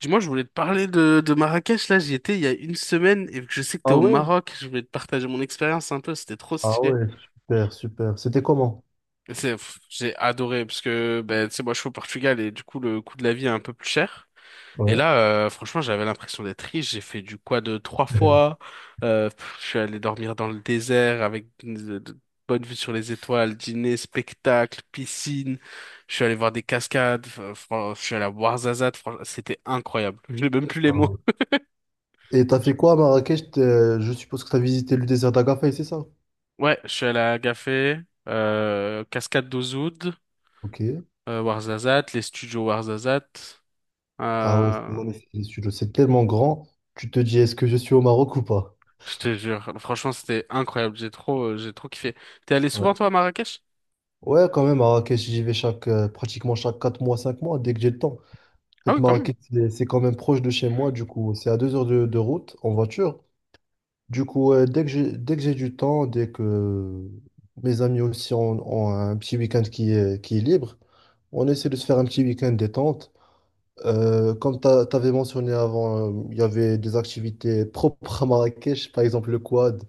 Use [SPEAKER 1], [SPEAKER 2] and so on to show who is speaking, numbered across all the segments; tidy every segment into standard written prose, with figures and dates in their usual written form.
[SPEAKER 1] Dis-moi, je voulais te parler de Marrakech. Là, j'y étais il y a une semaine et vu que je sais que t'es
[SPEAKER 2] Ah
[SPEAKER 1] au
[SPEAKER 2] ouais?
[SPEAKER 1] Maroc, je voulais te partager mon expérience un peu. C'était trop
[SPEAKER 2] Ah
[SPEAKER 1] stylé.
[SPEAKER 2] ouais, super, super. C'était comment?
[SPEAKER 1] J'ai adoré parce que, ben, tu sais, moi, je suis au Portugal et du coup, le coût de la vie est un peu plus cher. Et
[SPEAKER 2] Ouais.
[SPEAKER 1] là, franchement, j'avais l'impression d'être riche. J'ai fait du quad 3 fois. Je suis allé dormir dans le désert avec de bonne vue sur les étoiles, dîner, spectacle, piscine. Je suis allé voir des cascades. Je suis allé à Ouarzazate. Franchement, c'était incroyable. Je n'ai même plus les
[SPEAKER 2] Ah
[SPEAKER 1] mots.
[SPEAKER 2] ouais. Et t'as fait quoi à Marrakech? Je suppose que t'as visité le désert d'Agafay, c'est ça?
[SPEAKER 1] Ouais, je suis allé à Agafé, Cascade d'Ozoud,
[SPEAKER 2] Ok.
[SPEAKER 1] Ouarzazate, les studios Ouarzazate.
[SPEAKER 2] Ah ouais, c'est
[SPEAKER 1] Euh,
[SPEAKER 2] ouais, c'est tellement grand. Tu te dis, est-ce que je suis au Maroc ou pas?
[SPEAKER 1] je te jure, franchement, c'était incroyable. J'ai trop kiffé. T'es allé souvent,
[SPEAKER 2] Ouais.
[SPEAKER 1] toi, à Marrakech?
[SPEAKER 2] Ouais, quand même, Marrakech, j'y vais pratiquement chaque 4 mois, 5 mois, dès que j'ai le temps. En
[SPEAKER 1] Ah
[SPEAKER 2] fait,
[SPEAKER 1] oui, quand même.
[SPEAKER 2] Marrakech, c'est quand même proche de chez moi, du coup, c'est à 2 heures de route en voiture. Du coup, dès que j'ai du temps, dès que mes amis aussi ont un petit week-end qui est libre, on essaie de se faire un petit week-end détente. Comme tu avais mentionné avant, il y avait des activités propres à Marrakech, par exemple le quad.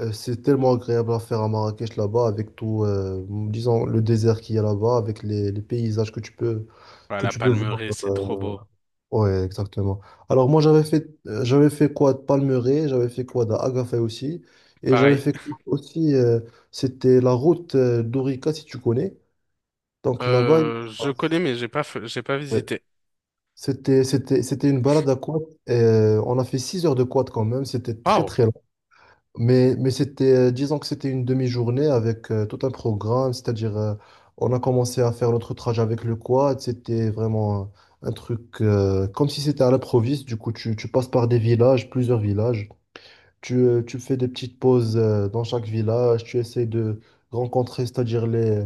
[SPEAKER 2] C'est tellement agréable à faire à Marrakech là-bas, avec tout, disons, le désert qu'il y a là-bas, avec les paysages
[SPEAKER 1] Ouais,
[SPEAKER 2] que
[SPEAKER 1] la
[SPEAKER 2] tu peux voir.
[SPEAKER 1] Palmeraie, c'est trop beau.
[SPEAKER 2] Ouais, exactement. Alors moi j'avais fait quoi de Palmeraie, j'avais fait quoi d'Agafay aussi, et j'avais
[SPEAKER 1] Pareil.
[SPEAKER 2] fait quoi aussi c'était la route d'Orica si tu connais. Donc là-bas,
[SPEAKER 1] Je connais, mais j'ai pas
[SPEAKER 2] ouais.
[SPEAKER 1] visité.
[SPEAKER 2] C'était une balade à quad. Et, on a fait 6 heures de quad quand même, c'était très
[SPEAKER 1] Waouh!
[SPEAKER 2] très, mais c'était, disons que c'était une demi-journée avec tout un programme, c'est-à-dire on a commencé à faire notre trajet avec le quad, c'était vraiment un truc comme si c'était à l'improviste, du coup tu passes par des villages, plusieurs villages, tu fais des petites pauses dans chaque village, tu essaies de rencontrer, c'est-à-dire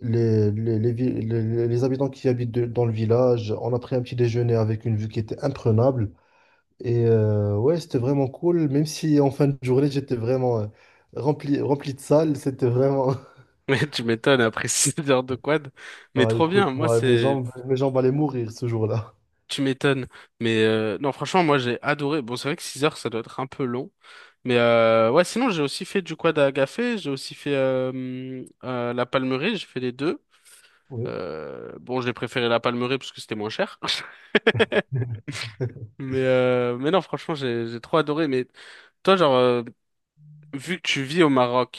[SPEAKER 2] les, vi- les habitants qui habitent dans le village, on a pris un petit déjeuner avec une vue qui était imprenable. Et ouais, c'était vraiment cool, même si en fin de journée, j'étais vraiment rempli de salles. C'était vraiment.
[SPEAKER 1] Mais tu m'étonnes après 6 heures de quad. Mais
[SPEAKER 2] Ah,
[SPEAKER 1] trop bien.
[SPEAKER 2] écoute,
[SPEAKER 1] Moi,
[SPEAKER 2] moi, mes
[SPEAKER 1] c'est
[SPEAKER 2] jambes, mes jambes allaient mourir ce jour-là.
[SPEAKER 1] tu m'étonnes. Mais non, franchement, moi j'ai adoré. Bon, c'est vrai que 6 heures, ça doit être un peu long. Mais ouais, sinon, j'ai aussi fait du quad à agafé, j'ai aussi fait la palmeraie, j'ai fait les deux.
[SPEAKER 2] Oui.
[SPEAKER 1] Bon, j'ai préféré la palmeraie parce que c'était moins cher. Mais non, franchement, j'ai trop adoré. Mais toi, genre, vu que tu vis au Maroc,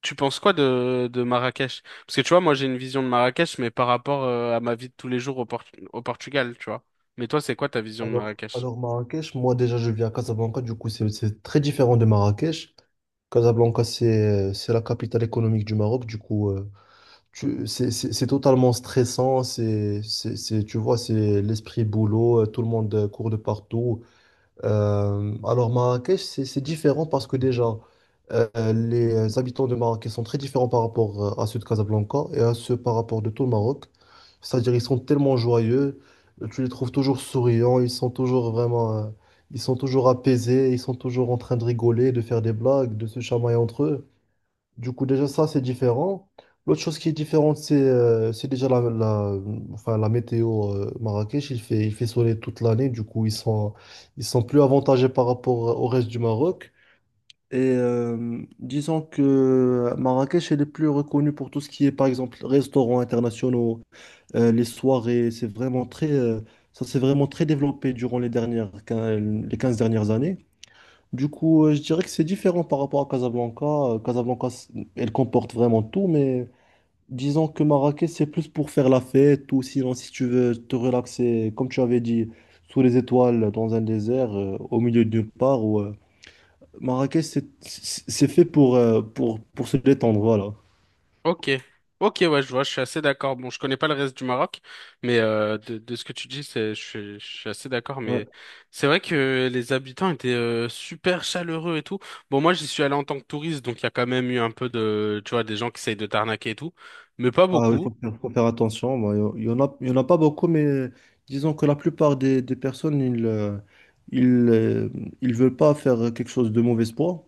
[SPEAKER 1] tu penses quoi de Marrakech? Parce que tu vois, moi j'ai une vision de Marrakech, mais par rapport à ma vie de tous les jours au Portugal, tu vois. Mais toi, c'est quoi ta vision de
[SPEAKER 2] Alors,
[SPEAKER 1] Marrakech?
[SPEAKER 2] alors Marrakech, moi déjà, je vis à Casablanca. Du coup, c'est très différent de Marrakech. Casablanca, c'est la capitale économique du Maroc. Du coup, c'est totalement stressant. Tu vois, c'est l'esprit boulot. Tout le monde court de partout. Alors Marrakech, c'est différent parce que déjà, euh, les habitants de Marrakech sont très différents par rapport à ceux de Casablanca et à ceux par rapport de tout le Maroc. C'est-à-dire ils sont tellement joyeux, tu les trouves toujours souriants, ils sont toujours apaisés, ils sont toujours en train de rigoler, de faire des blagues, de se chamailler entre eux. Du coup, déjà, ça, c'est différent. L'autre chose qui est différente, c'est déjà enfin, la météo Marrakech. Il fait soleil toute l'année. Du coup, ils sont plus avantagés par rapport au reste du Maroc. Et disons que Marrakech, elle est plus reconnue pour tout ce qui est, par exemple, restaurants internationaux, les soirées. Ça s'est vraiment très développé durant les 15 dernières années. Du coup, je dirais que c'est différent par rapport à Casablanca. Casablanca, elle comporte vraiment tout, mais disons que Marrakech, c'est plus pour faire la fête ou sinon, si tu veux te relaxer, comme tu avais dit, sous les étoiles, dans un désert, au milieu de nulle part. Ou, Marrakech, c'est fait pour se détendre, voilà.
[SPEAKER 1] Ok, ok, ouais, je vois, je suis assez d'accord. Bon, je connais pas le reste du Maroc, mais de ce que tu dis, c'est, je suis assez d'accord. Mais c'est vrai que les habitants étaient super chaleureux et tout. Bon, moi, j'y suis allé en tant que touriste, donc il y a quand même eu un peu de, tu vois, des gens qui essayent de t'arnaquer et tout, mais pas
[SPEAKER 2] Ah, oui,
[SPEAKER 1] beaucoup.
[SPEAKER 2] faut faire attention. Bon, il y en a pas beaucoup, mais disons que la plupart des personnes, ils, euh, ils veulent pas faire quelque chose de mauvais espoir.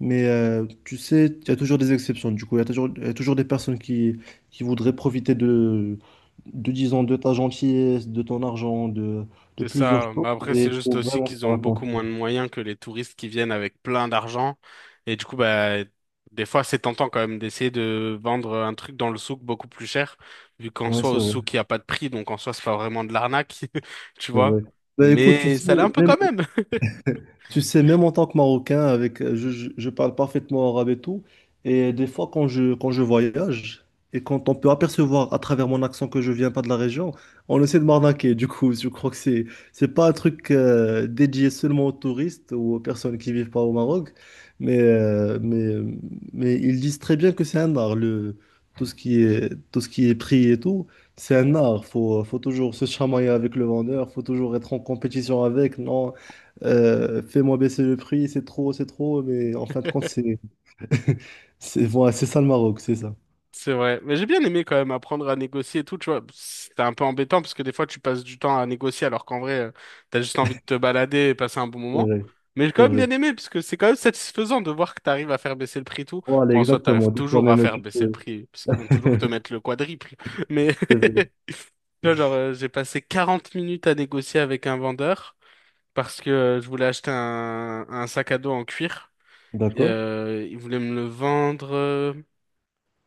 [SPEAKER 2] Mais tu sais, il y a toujours des exceptions. Du coup, il y a toujours des personnes qui voudraient profiter disons, de ta gentillesse, de ton argent, de
[SPEAKER 1] C'est
[SPEAKER 2] plusieurs
[SPEAKER 1] ça.
[SPEAKER 2] choses.
[SPEAKER 1] Mais après,
[SPEAKER 2] Et
[SPEAKER 1] c'est
[SPEAKER 2] il
[SPEAKER 1] juste
[SPEAKER 2] faut
[SPEAKER 1] aussi
[SPEAKER 2] vraiment
[SPEAKER 1] qu'ils
[SPEAKER 2] faire
[SPEAKER 1] ont beaucoup
[SPEAKER 2] attention.
[SPEAKER 1] moins de moyens que les touristes qui viennent avec plein d'argent. Et du coup, bah, des fois, c'est tentant quand même d'essayer de vendre un truc dans le souk beaucoup plus cher, vu qu'en
[SPEAKER 2] Ouais,
[SPEAKER 1] soi,
[SPEAKER 2] c'est
[SPEAKER 1] au
[SPEAKER 2] vrai,
[SPEAKER 1] souk, il n'y a pas de prix. Donc, en soi, c'est pas vraiment de l'arnaque, tu
[SPEAKER 2] c'est
[SPEAKER 1] vois.
[SPEAKER 2] vrai. Bah, écoute, tu
[SPEAKER 1] Mais
[SPEAKER 2] sais,
[SPEAKER 1] ça l'est un peu
[SPEAKER 2] même
[SPEAKER 1] quand même.
[SPEAKER 2] En tant que Marocain, avec, je parle parfaitement arabe et tout. Et des fois, quand je voyage et quand on peut apercevoir à travers mon accent que je viens pas de la région, on essaie de m'arnaquer. Du coup, je crois que c'est pas un truc dédié seulement aux touristes ou aux personnes qui vivent pas au Maroc. Mais, euh, mais, mais ils disent très bien que c'est un art, tout ce qui est prix et tout. C'est un art, faut toujours se chamailler avec le vendeur, faut toujours être en compétition avec. Non, fais-moi baisser le prix, c'est trop, mais en fin de compte, voilà, c'est ça le Maroc, c'est ça.
[SPEAKER 1] C'est vrai. Mais j'ai bien aimé quand même apprendre à négocier et tout, tu vois. C'était un peu embêtant parce que des fois tu passes du temps à négocier alors qu'en vrai, t'as juste envie de te balader et passer un bon
[SPEAKER 2] C'est
[SPEAKER 1] moment.
[SPEAKER 2] vrai,
[SPEAKER 1] Mais j'ai quand
[SPEAKER 2] c'est
[SPEAKER 1] même
[SPEAKER 2] vrai.
[SPEAKER 1] bien aimé parce que c'est quand même satisfaisant de voir que t'arrives à faire baisser le prix et tout.
[SPEAKER 2] Voilà,
[SPEAKER 1] Bon, en soi, t'arrives
[SPEAKER 2] exactement. Des fois
[SPEAKER 1] toujours à
[SPEAKER 2] même,
[SPEAKER 1] faire
[SPEAKER 2] tu
[SPEAKER 1] baisser le
[SPEAKER 2] peux.
[SPEAKER 1] prix parce qu'ils vont toujours te mettre le quadruple. Mais
[SPEAKER 2] C'est vrai.
[SPEAKER 1] tu vois, genre, j'ai passé 40 minutes à négocier avec un vendeur parce que je voulais acheter un sac à dos en cuir. Et,
[SPEAKER 2] D'accord,
[SPEAKER 1] il voulait me le vendre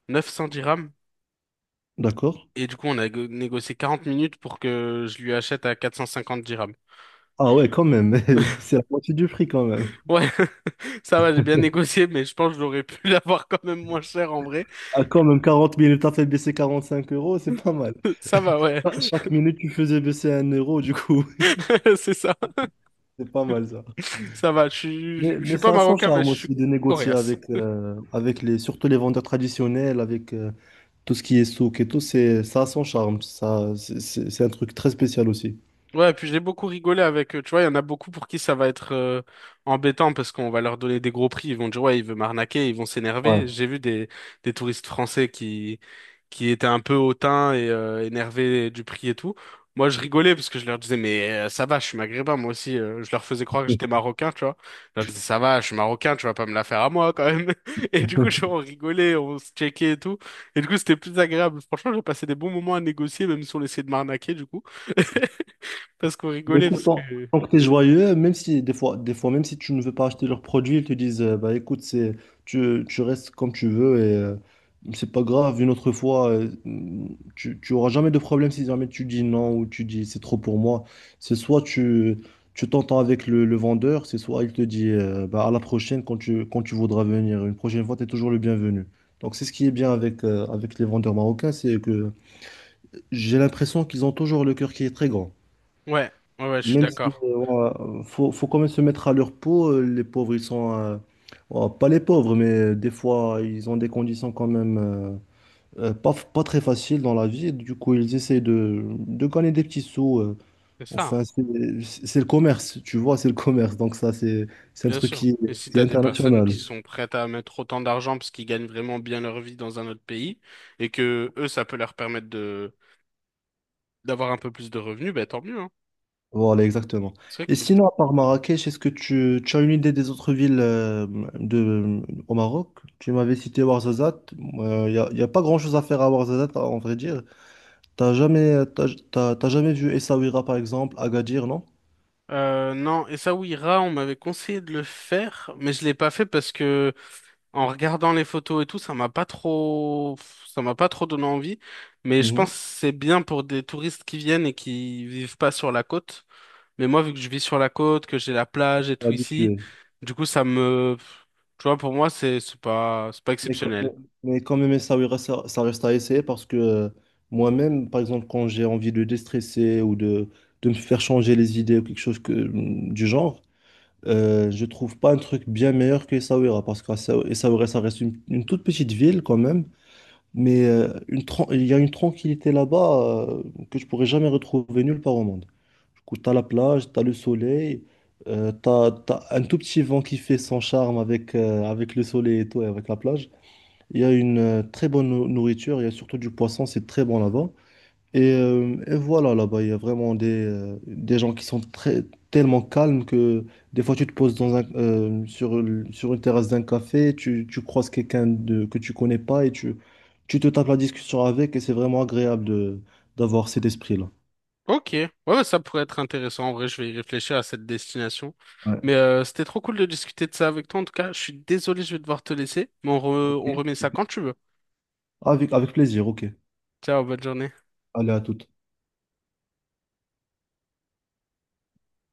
[SPEAKER 1] 900 dirhams.
[SPEAKER 2] d'accord.
[SPEAKER 1] Et du coup, on a négocié 40 minutes pour que je lui achète à 450 dirhams.
[SPEAKER 2] Ah ouais, quand même, c'est la moitié du prix quand même.
[SPEAKER 1] Ouais, ça va, j'ai bien négocié, mais je pense que j'aurais pu l'avoir quand même moins cher en vrai.
[SPEAKER 2] Ah, quand même, 40 minutes, t'as fait baisser 45 euros, c'est pas mal.
[SPEAKER 1] Ça va, ouais,
[SPEAKER 2] Ah, chaque minute, tu faisais baisser 1 euro, du coup,
[SPEAKER 1] c'est ça.
[SPEAKER 2] c'est pas mal ça.
[SPEAKER 1] Ça va,
[SPEAKER 2] Mais,
[SPEAKER 1] je
[SPEAKER 2] mais
[SPEAKER 1] suis pas
[SPEAKER 2] ça a son
[SPEAKER 1] marocain, mais
[SPEAKER 2] charme
[SPEAKER 1] je suis
[SPEAKER 2] aussi de négocier
[SPEAKER 1] coréen.
[SPEAKER 2] avec surtout les vendeurs traditionnels, tout ce qui est souk et tout, ça a son charme. Ça, c'est un truc très spécial aussi.
[SPEAKER 1] Ouais, et puis j'ai beaucoup rigolé avec eux. Tu vois, il y en a beaucoup pour qui ça va être embêtant parce qu'on va leur donner des gros prix. Ils vont dire, ouais, il veut m'arnaquer, ils vont
[SPEAKER 2] Ouais.
[SPEAKER 1] s'énerver. J'ai vu des touristes français qui étaient un peu hautains et énervés du prix et tout. Moi, je rigolais parce que je leur disais, mais ça va, je suis maghrébin, moi aussi. Je leur faisais croire que j'étais marocain, tu vois. Je leur disais, ça va, je suis marocain, tu vas pas me la faire à moi quand même. Et du coup, on rigolait, on se checkait et tout. Et du coup, c'était plus agréable. Franchement, j'ai passé des bons moments à négocier, même si on essayait de m'arnaquer, du coup. Parce qu'on
[SPEAKER 2] Mais
[SPEAKER 1] rigolait,
[SPEAKER 2] écoute,
[SPEAKER 1] parce
[SPEAKER 2] tant,
[SPEAKER 1] que...
[SPEAKER 2] tant que tu es joyeux, même si même si tu ne veux pas acheter leurs produits, ils te disent bah écoute, tu restes comme tu veux et c'est pas grave, une autre fois, tu auras jamais de problème si jamais tu dis non ou tu dis c'est trop pour moi. C'est soit tu t'entends avec le vendeur, c'est soit il te dit bah, à la prochaine quand tu voudras venir. Une prochaine fois, tu es toujours le bienvenu. Donc c'est ce qui est bien avec les vendeurs marocains, c'est que j'ai l'impression qu'ils ont toujours le cœur qui est très grand.
[SPEAKER 1] Ouais, ouais, ouais, je suis
[SPEAKER 2] Même si
[SPEAKER 1] d'accord.
[SPEAKER 2] ouais, faut quand même se mettre à leur peau, les pauvres, ils sont ouais, pas les pauvres, mais des fois ils ont des conditions quand même pas très faciles dans la vie. Du coup, ils essaient de gagner des petits sous.
[SPEAKER 1] C'est ça,
[SPEAKER 2] Enfin, c'est le commerce, tu vois, c'est le commerce. Donc ça, c'est un
[SPEAKER 1] bien
[SPEAKER 2] truc
[SPEAKER 1] sûr. Et si
[SPEAKER 2] qui est
[SPEAKER 1] t'as des personnes
[SPEAKER 2] international.
[SPEAKER 1] qui sont prêtes à mettre autant d'argent parce qu'ils gagnent vraiment bien leur vie dans un autre pays, et que eux, ça peut leur permettre de d'avoir un peu plus de revenus, ben tant mieux, hein.
[SPEAKER 2] Voilà, exactement.
[SPEAKER 1] C'est vrai
[SPEAKER 2] Et
[SPEAKER 1] que...
[SPEAKER 2] sinon, à part Marrakech, est-ce que tu as une idée des autres villes de, au Maroc? Tu m'avais cité Ouarzazate. Y a pas grand-chose à faire à Ouarzazate, en vrai dire. T'as jamais vu Essaouira, par exemple, Agadir, non?
[SPEAKER 1] Non, et ça, oui, Ra, on m'avait conseillé de le faire, mais je l'ai pas fait parce que en regardant les photos et tout, ça m'a pas trop donné envie. Mais je
[SPEAKER 2] Mhm.
[SPEAKER 1] pense que c'est bien pour des touristes qui viennent et qui vivent pas sur la côte. Mais moi, vu que je vis sur la côte, que j'ai la plage et tout ici,
[SPEAKER 2] Habitué.
[SPEAKER 1] du coup, tu vois, pour moi, c'est pas
[SPEAKER 2] Mais, quand mais-
[SPEAKER 1] exceptionnel.
[SPEAKER 2] mais quand même, Essaouira, ça reste à essayer parce que moi-même, par exemple, quand j'ai envie de déstresser ou de me faire changer les idées ou quelque chose du genre, je trouve pas un truc bien meilleur que Essaouira parce que Essaouira, ça reste une toute petite ville quand même, mais il y a une tranquillité là-bas que je pourrais jamais retrouver nulle part au monde. Du coup, t'as la plage, t'as le soleil, t'as un tout petit vent qui fait son charme avec le soleil et tout, et avec la plage. Il y a une très bonne nourriture, il y a surtout du poisson, c'est très bon là-bas. Et voilà, là-bas, il y a vraiment des gens qui sont très, tellement calmes que des fois, tu te poses dans un, sur, le- sur une terrasse d'un café, tu croises quelqu'un que tu connais pas et tu te tapes la discussion avec et c'est vraiment agréable d'avoir cet esprit-là.
[SPEAKER 1] Ok. Ouais, ouais, ça pourrait être intéressant. En vrai, je vais y réfléchir à cette destination. Mais
[SPEAKER 2] Ouais.
[SPEAKER 1] c'était trop cool de discuter de ça avec toi. En tout cas, je suis désolé, je vais devoir te laisser. Mais
[SPEAKER 2] Ok.
[SPEAKER 1] on remet ça quand tu veux.
[SPEAKER 2] Avec plaisir, ok.
[SPEAKER 1] Ciao, bonne journée.
[SPEAKER 2] Allez, à toute.